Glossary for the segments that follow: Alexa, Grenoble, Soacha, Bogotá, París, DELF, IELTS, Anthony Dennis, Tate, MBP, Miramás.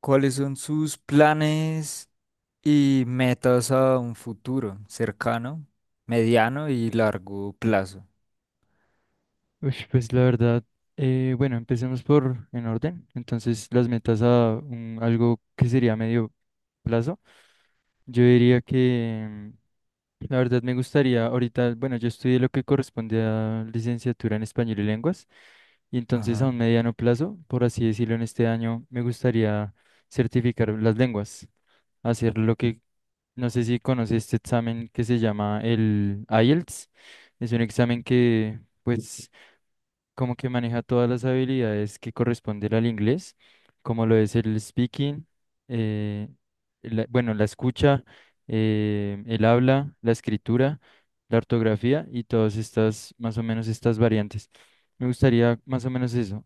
¿Cuáles son sus planes y metas a un futuro cercano, mediano y largo plazo? Uy, pues la verdad, bueno, empecemos por en orden. Entonces, las metas a algo que sería medio plazo. Yo diría que la verdad me gustaría ahorita, bueno, yo estudié lo que corresponde a licenciatura en español y lenguas, y entonces a Ajá. un mediano plazo, por así decirlo, en este año me gustaría certificar las lenguas, hacer lo que, no sé si conoce este examen que se llama el IELTS. Es un examen que, pues como que maneja todas las habilidades que corresponden al inglés, como lo es el speaking, eh, bueno, la escucha, el habla, la escritura, la ortografía y todas estas, más o menos estas variantes. Me gustaría más o menos eso.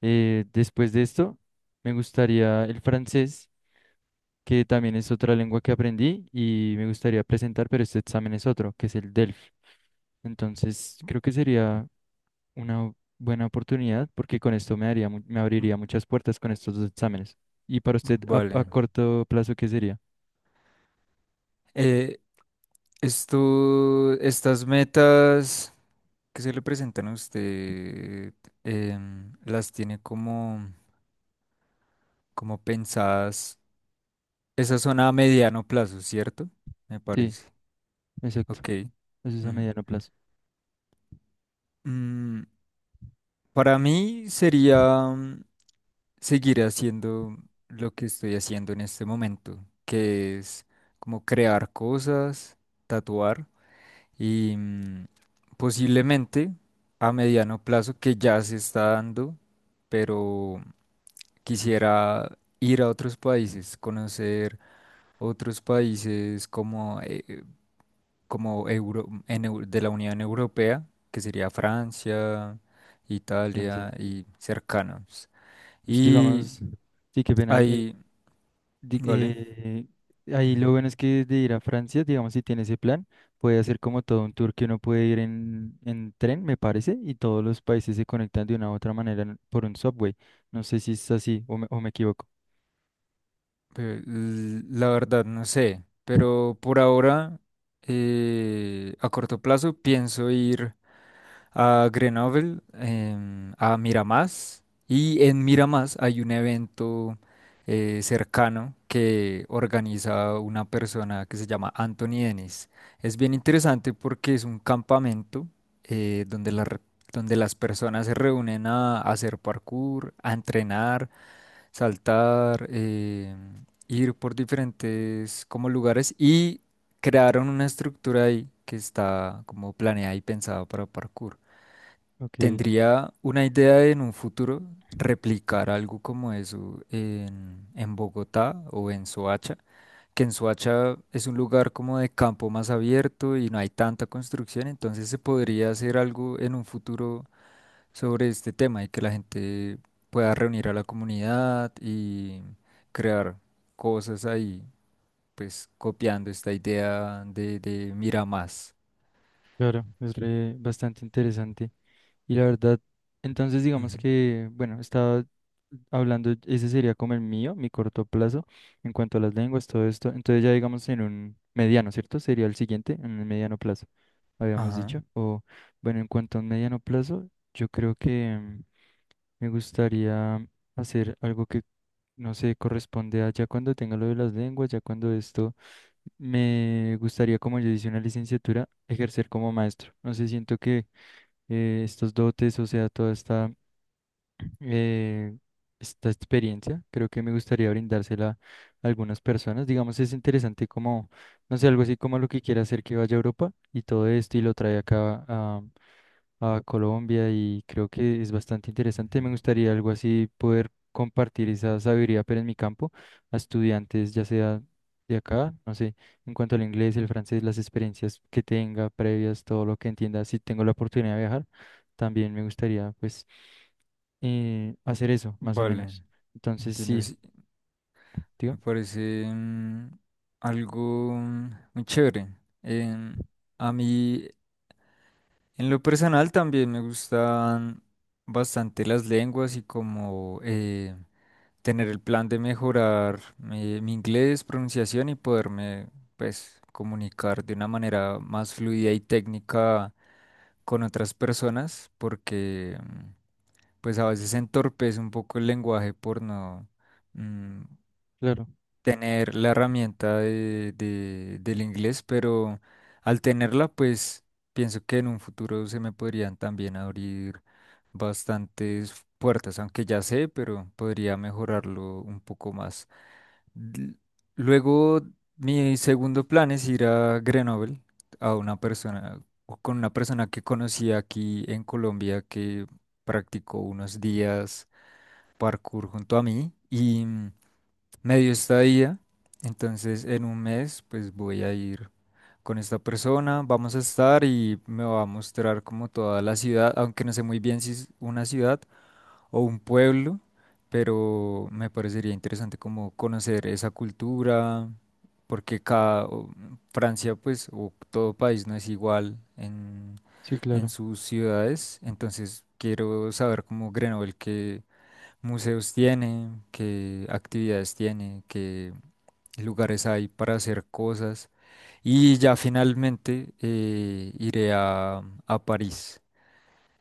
Después de esto, me gustaría el francés, que también es otra lengua que aprendí y me gustaría presentar, pero este examen es otro, que es el DELF. Entonces, creo que sería una buena oportunidad porque con esto me daría, me Mm. abriría muchas puertas con estos dos exámenes. ¿Y para usted Vale. a corto plazo qué sería? Eh, Estas metas que se le presentan a usted, las tiene como, como pensadas. Esas son a mediano plazo, ¿cierto? Me Sí, parece. exacto. Ok. Eso es a Ujú. mediano plazo. Mm, para mí sería, seguir haciendo lo que estoy haciendo en este momento, que es como crear cosas, tatuar y, posiblemente a mediano plazo, que ya se está dando, pero quisiera ir a otros países, conocer otros países como, como de la Unión Europea, que sería Francia, Italia Financiado. y cercanos. Pues, Y digamos, sí, que ven ahí. Ahí, di- vale. eh, Ahí Ujú. lo bueno es que de ir a Francia, digamos, si tiene ese plan, puede hacer como todo un tour que uno puede ir en tren, me parece, y todos los países se conectan de una u otra manera por un subway. No sé si es así o me equivoco. La verdad, no sé, pero por ahora, a corto plazo, pienso ir a Grenoble, a Miramás, y en Miramás hay un evento cercano que organiza una persona que se llama Anthony Dennis. Es bien interesante porque es un campamento, donde donde las personas se reúnen a hacer parkour, a entrenar, saltar, ir por diferentes como lugares, y crearon una estructura ahí que está como planeada y pensada para parkour. Ok, Tendría una idea de en un futuro replicar algo como eso en Bogotá o en Soacha, que en Soacha es un lugar como de campo más abierto y no hay tanta construcción, entonces se podría hacer algo en un futuro sobre este tema y que la gente pueda reunir a la comunidad y crear cosas ahí, pues copiando esta idea de mira más. claro, es bastante interesante. Y la verdad, entonces digamos Ujú. que, bueno, estaba hablando, ese sería como el mío, mi corto plazo, en cuanto a las lenguas, todo esto. Entonces ya digamos en un mediano, ¿cierto? Sería el siguiente, en el mediano plazo, habíamos Ajá. dicho. O bueno, en cuanto a un mediano plazo, yo creo que me gustaría hacer algo que, no sé, corresponde a ya cuando tenga lo de las lenguas, ya cuando esto, me gustaría, como yo hice una licenciatura, ejercer como maestro. No sé, siento que estos dotes, o sea, toda esta, eh, esta experiencia. Creo que me gustaría brindársela a algunas personas. Digamos, es interesante como, no sé, algo así como lo que quiere hacer que vaya a Europa y todo esto y lo trae acá a Colombia y creo que es bastante interesante. Ujú. Me gustaría algo así poder compartir esa sabiduría, pero en mi campo, a estudiantes, ya sea de acá, no sé, en cuanto al inglés, el francés, las experiencias que tenga previas, todo lo que entienda, si tengo la oportunidad de viajar, también me gustaría pues hacer eso, más o Vale, menos. Entonces, entiendo, sí, sí. digo, Me parece, algo, muy chévere. Em, a mí, en lo personal, también me gustan bastante las lenguas y como... tener el plan de mejorar, mi inglés, pronunciación, y poderme, pues, comunicar de una manera más fluida y técnica con otras personas, porque, pues, a veces entorpece un poco el lenguaje por no, mm, claro, tener la herramienta de, del inglés, pero al tenerla, pues pienso que en un futuro se me podrían también abrir bastantes puertas, aunque ya sé, pero podría mejorarlo un poco más. L- Luego, mi segundo plan es ir a Grenoble, a una persona, o con una persona que conocí aquí en Colombia que practicó unos días parkour junto a mí, y, medio estadía. Entonces, en un mes, pues voy a ir con esta persona, vamos a estar y me va a mostrar como toda la ciudad, aunque no sé muy bien si es una ciudad o un pueblo, pero me parecería interesante como conocer esa cultura, porque Francia, pues, o todo país no es igual sí, en claro, sus ciudades, entonces quiero saber como Grenoble, que museos tiene, qué actividades tiene, qué lugares hay para hacer cosas. Y ya finalmente, iré a París.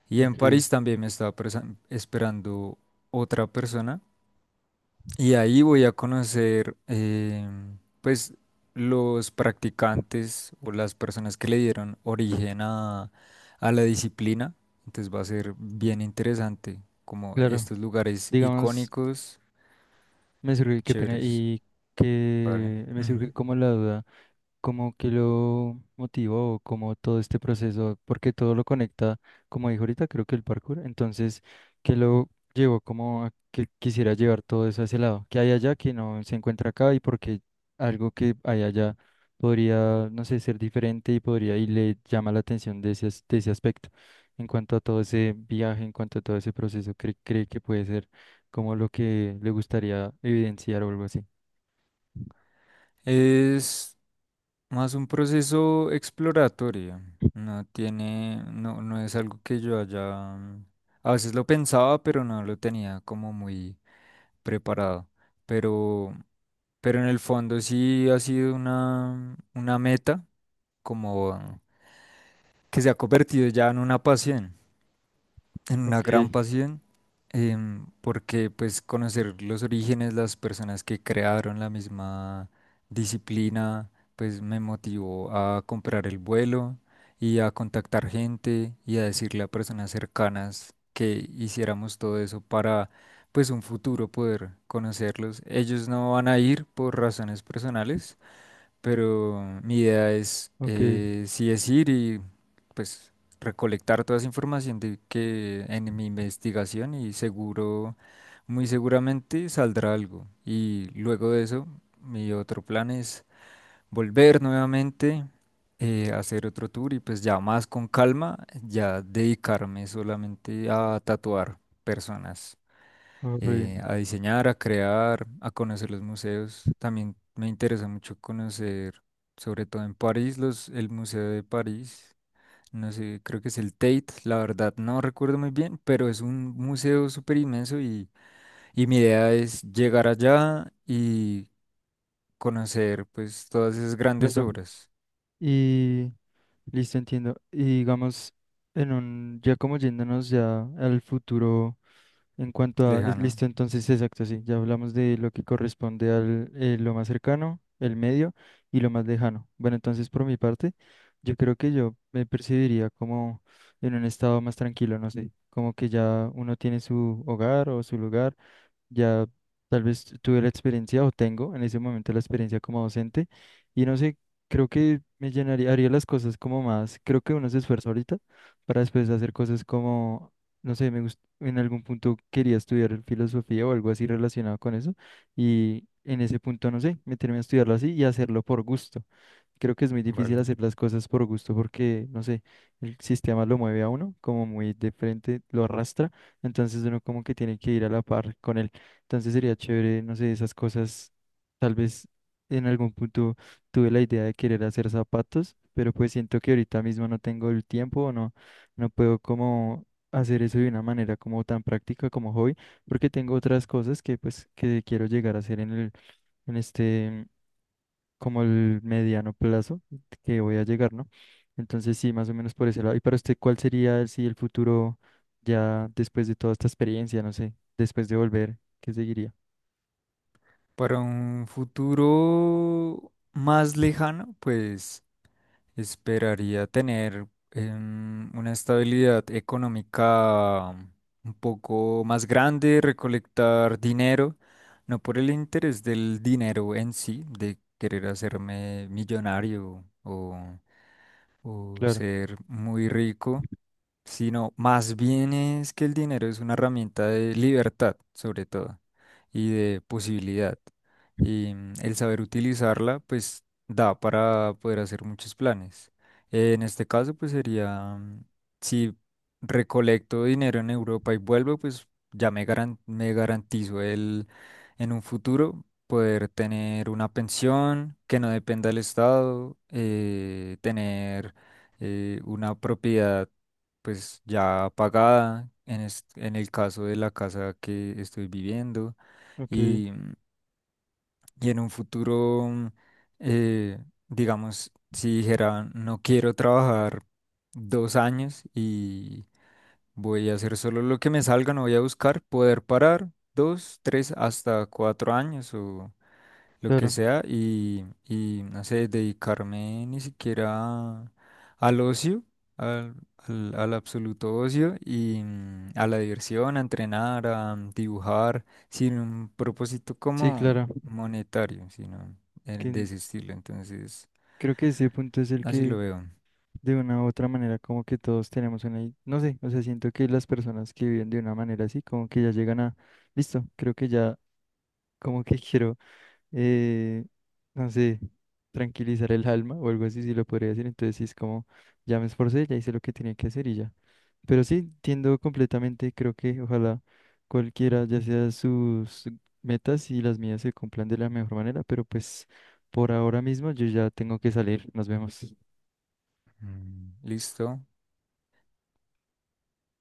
Y en ok, París también me está esperando otra persona. Y ahí voy a conocer, pues, los practicantes o las personas que le dieron origen a la disciplina. Entonces va a ser bien interesante como claro. estos lugares Digamos, icónicos, me surge, qué pena, chéveres. y Vale. que me surge Ujú. como la duda, como que lo motivó, como todo este proceso, porque todo lo conecta, como dijo ahorita, creo que el parkour, entonces, que lo llevó como a que quisiera llevar todo eso a ese lado, que hay allá que no se encuentra acá y porque algo que hay allá podría, no sé, ser diferente y podría, y le llama la atención de ese, de ese aspecto, en cuanto a todo ese viaje, en cuanto a todo ese proceso, cree, cree que puede ser como lo que le gustaría evidenciar o algo así. Es más un proceso exploratorio. No tiene, no, no es algo que yo haya. A veces lo pensaba, pero no lo tenía como muy preparado. Pero, pero en el fondo sí ha sido una meta, como que se ha convertido ya en una pasión, en una Ok, gran pasión. Porque pues conocer los orígenes, las personas que crearon la misma disciplina, pues me motivó a comprar el vuelo y a contactar gente y a decirle a personas cercanas que hiciéramos todo eso para pues un futuro poder conocerlos. Ellos no van a ir por razones personales, pero mi idea es, ok, sí, es ir y pues recolectar toda esa información de que en mi investigación, y seguro, muy seguramente saldrá algo. Y luego de eso, mi otro plan es volver nuevamente, hacer otro tour y pues ya más con calma, ya dedicarme solamente a tatuar personas, oh, re bien, a diseñar, a crear, a conocer los museos. También me interesa mucho conocer, sobre todo en París, los, el Museo de París. No sé, creo que es el Tate, la verdad no recuerdo muy bien, pero es un museo súper inmenso, y mi idea es llegar allá y conocer pues todas esas grandes claro. obras Y listo, entiendo. Y digamos, en un, ya como yéndonos ya al futuro, en cuanto a, es lejano. listo, entonces exacto, sí, ya hablamos de lo que corresponde al lo más cercano, el medio y lo más lejano. Bueno, entonces por mi parte, yo creo que yo me percibiría como en un estado más tranquilo, no sé, como que ya uno tiene su hogar o su lugar ya tal vez tuve la experiencia o tengo en ese momento la experiencia como docente y no sé, creo que me llenaría, haría las cosas como más, creo que uno se esfuerza ahorita para después hacer cosas como, no sé, en algún punto quería estudiar filosofía o algo así relacionado con eso y en ese punto, no sé, meterme a estudiarlo así y hacerlo por gusto. Creo que es muy difícil Vale. hacer las cosas por gusto porque, no sé, el sistema lo mueve a uno como muy de frente, lo arrastra, entonces uno como que tiene que ir a la par con él. Entonces sería chévere, no sé, esas cosas. Tal vez en algún punto tuve la idea de querer hacer zapatos, pero pues siento que ahorita mismo no tengo el tiempo o no, no puedo como hacer eso de una manera como tan práctica como hoy porque tengo otras cosas que pues que quiero llegar a hacer en el, en este, como el mediano plazo que voy a llegar, ¿no? Entonces sí, más o menos por ese lado. ¿Y para usted cuál sería si el futuro ya después de toda esta experiencia, no sé, después de volver, qué seguiría? Para un futuro más lejano, pues... esperaría tener, una estabilidad económica, un poco más grande, recolectar dinero, no por el interés del dinero en sí, de querer hacerme millonario o Claro. ser muy rico, sino más bien es que el dinero es una herramienta de libertad, sobre todo, y de posibilidad. Y, el saber utilizarla, pues, da para poder hacer muchos planes. En este caso, pues sería, si recolecto dinero en Europa y vuelvo, pues ya me me garantizo el, en un futuro, poder tener una pensión que no dependa del Estado, tener, una propiedad pues ya pagada en, en el caso de la casa que estoy viviendo, Ok, y, y en un futuro, eh, digamos, si dijera no quiero trabajar 2 años, y voy a hacer solo lo que me salga, no voy a buscar, poder parar 2, 3, hasta 4 años o lo que claro, sea, y no sé, dedicarme ni siquiera al ocio, al, al, al absoluto ocio y, a la diversión, a entrenar, a dibujar, sin un propósito sí, como claro, monetario, sino, de que ese estilo. Entonces, creo que ese punto es el así que lo veo. de una u otra manera como que todos tenemos una, no sé, o sea, siento que las personas que viven de una manera así como que ya llegan a, listo, creo que ya como que quiero eh, no sé, tranquilizar el alma o algo así, si lo podría decir. Entonces sí es como, ya me esforcé, ya hice lo que tenía que hacer y ya. Pero sí, entiendo completamente, creo que ojalá cualquiera, ya sea sus metas y las mías se cumplan de la mejor manera, pero pues por ahora mismo yo ya tengo que salir, nos vemos. Mm. Listo.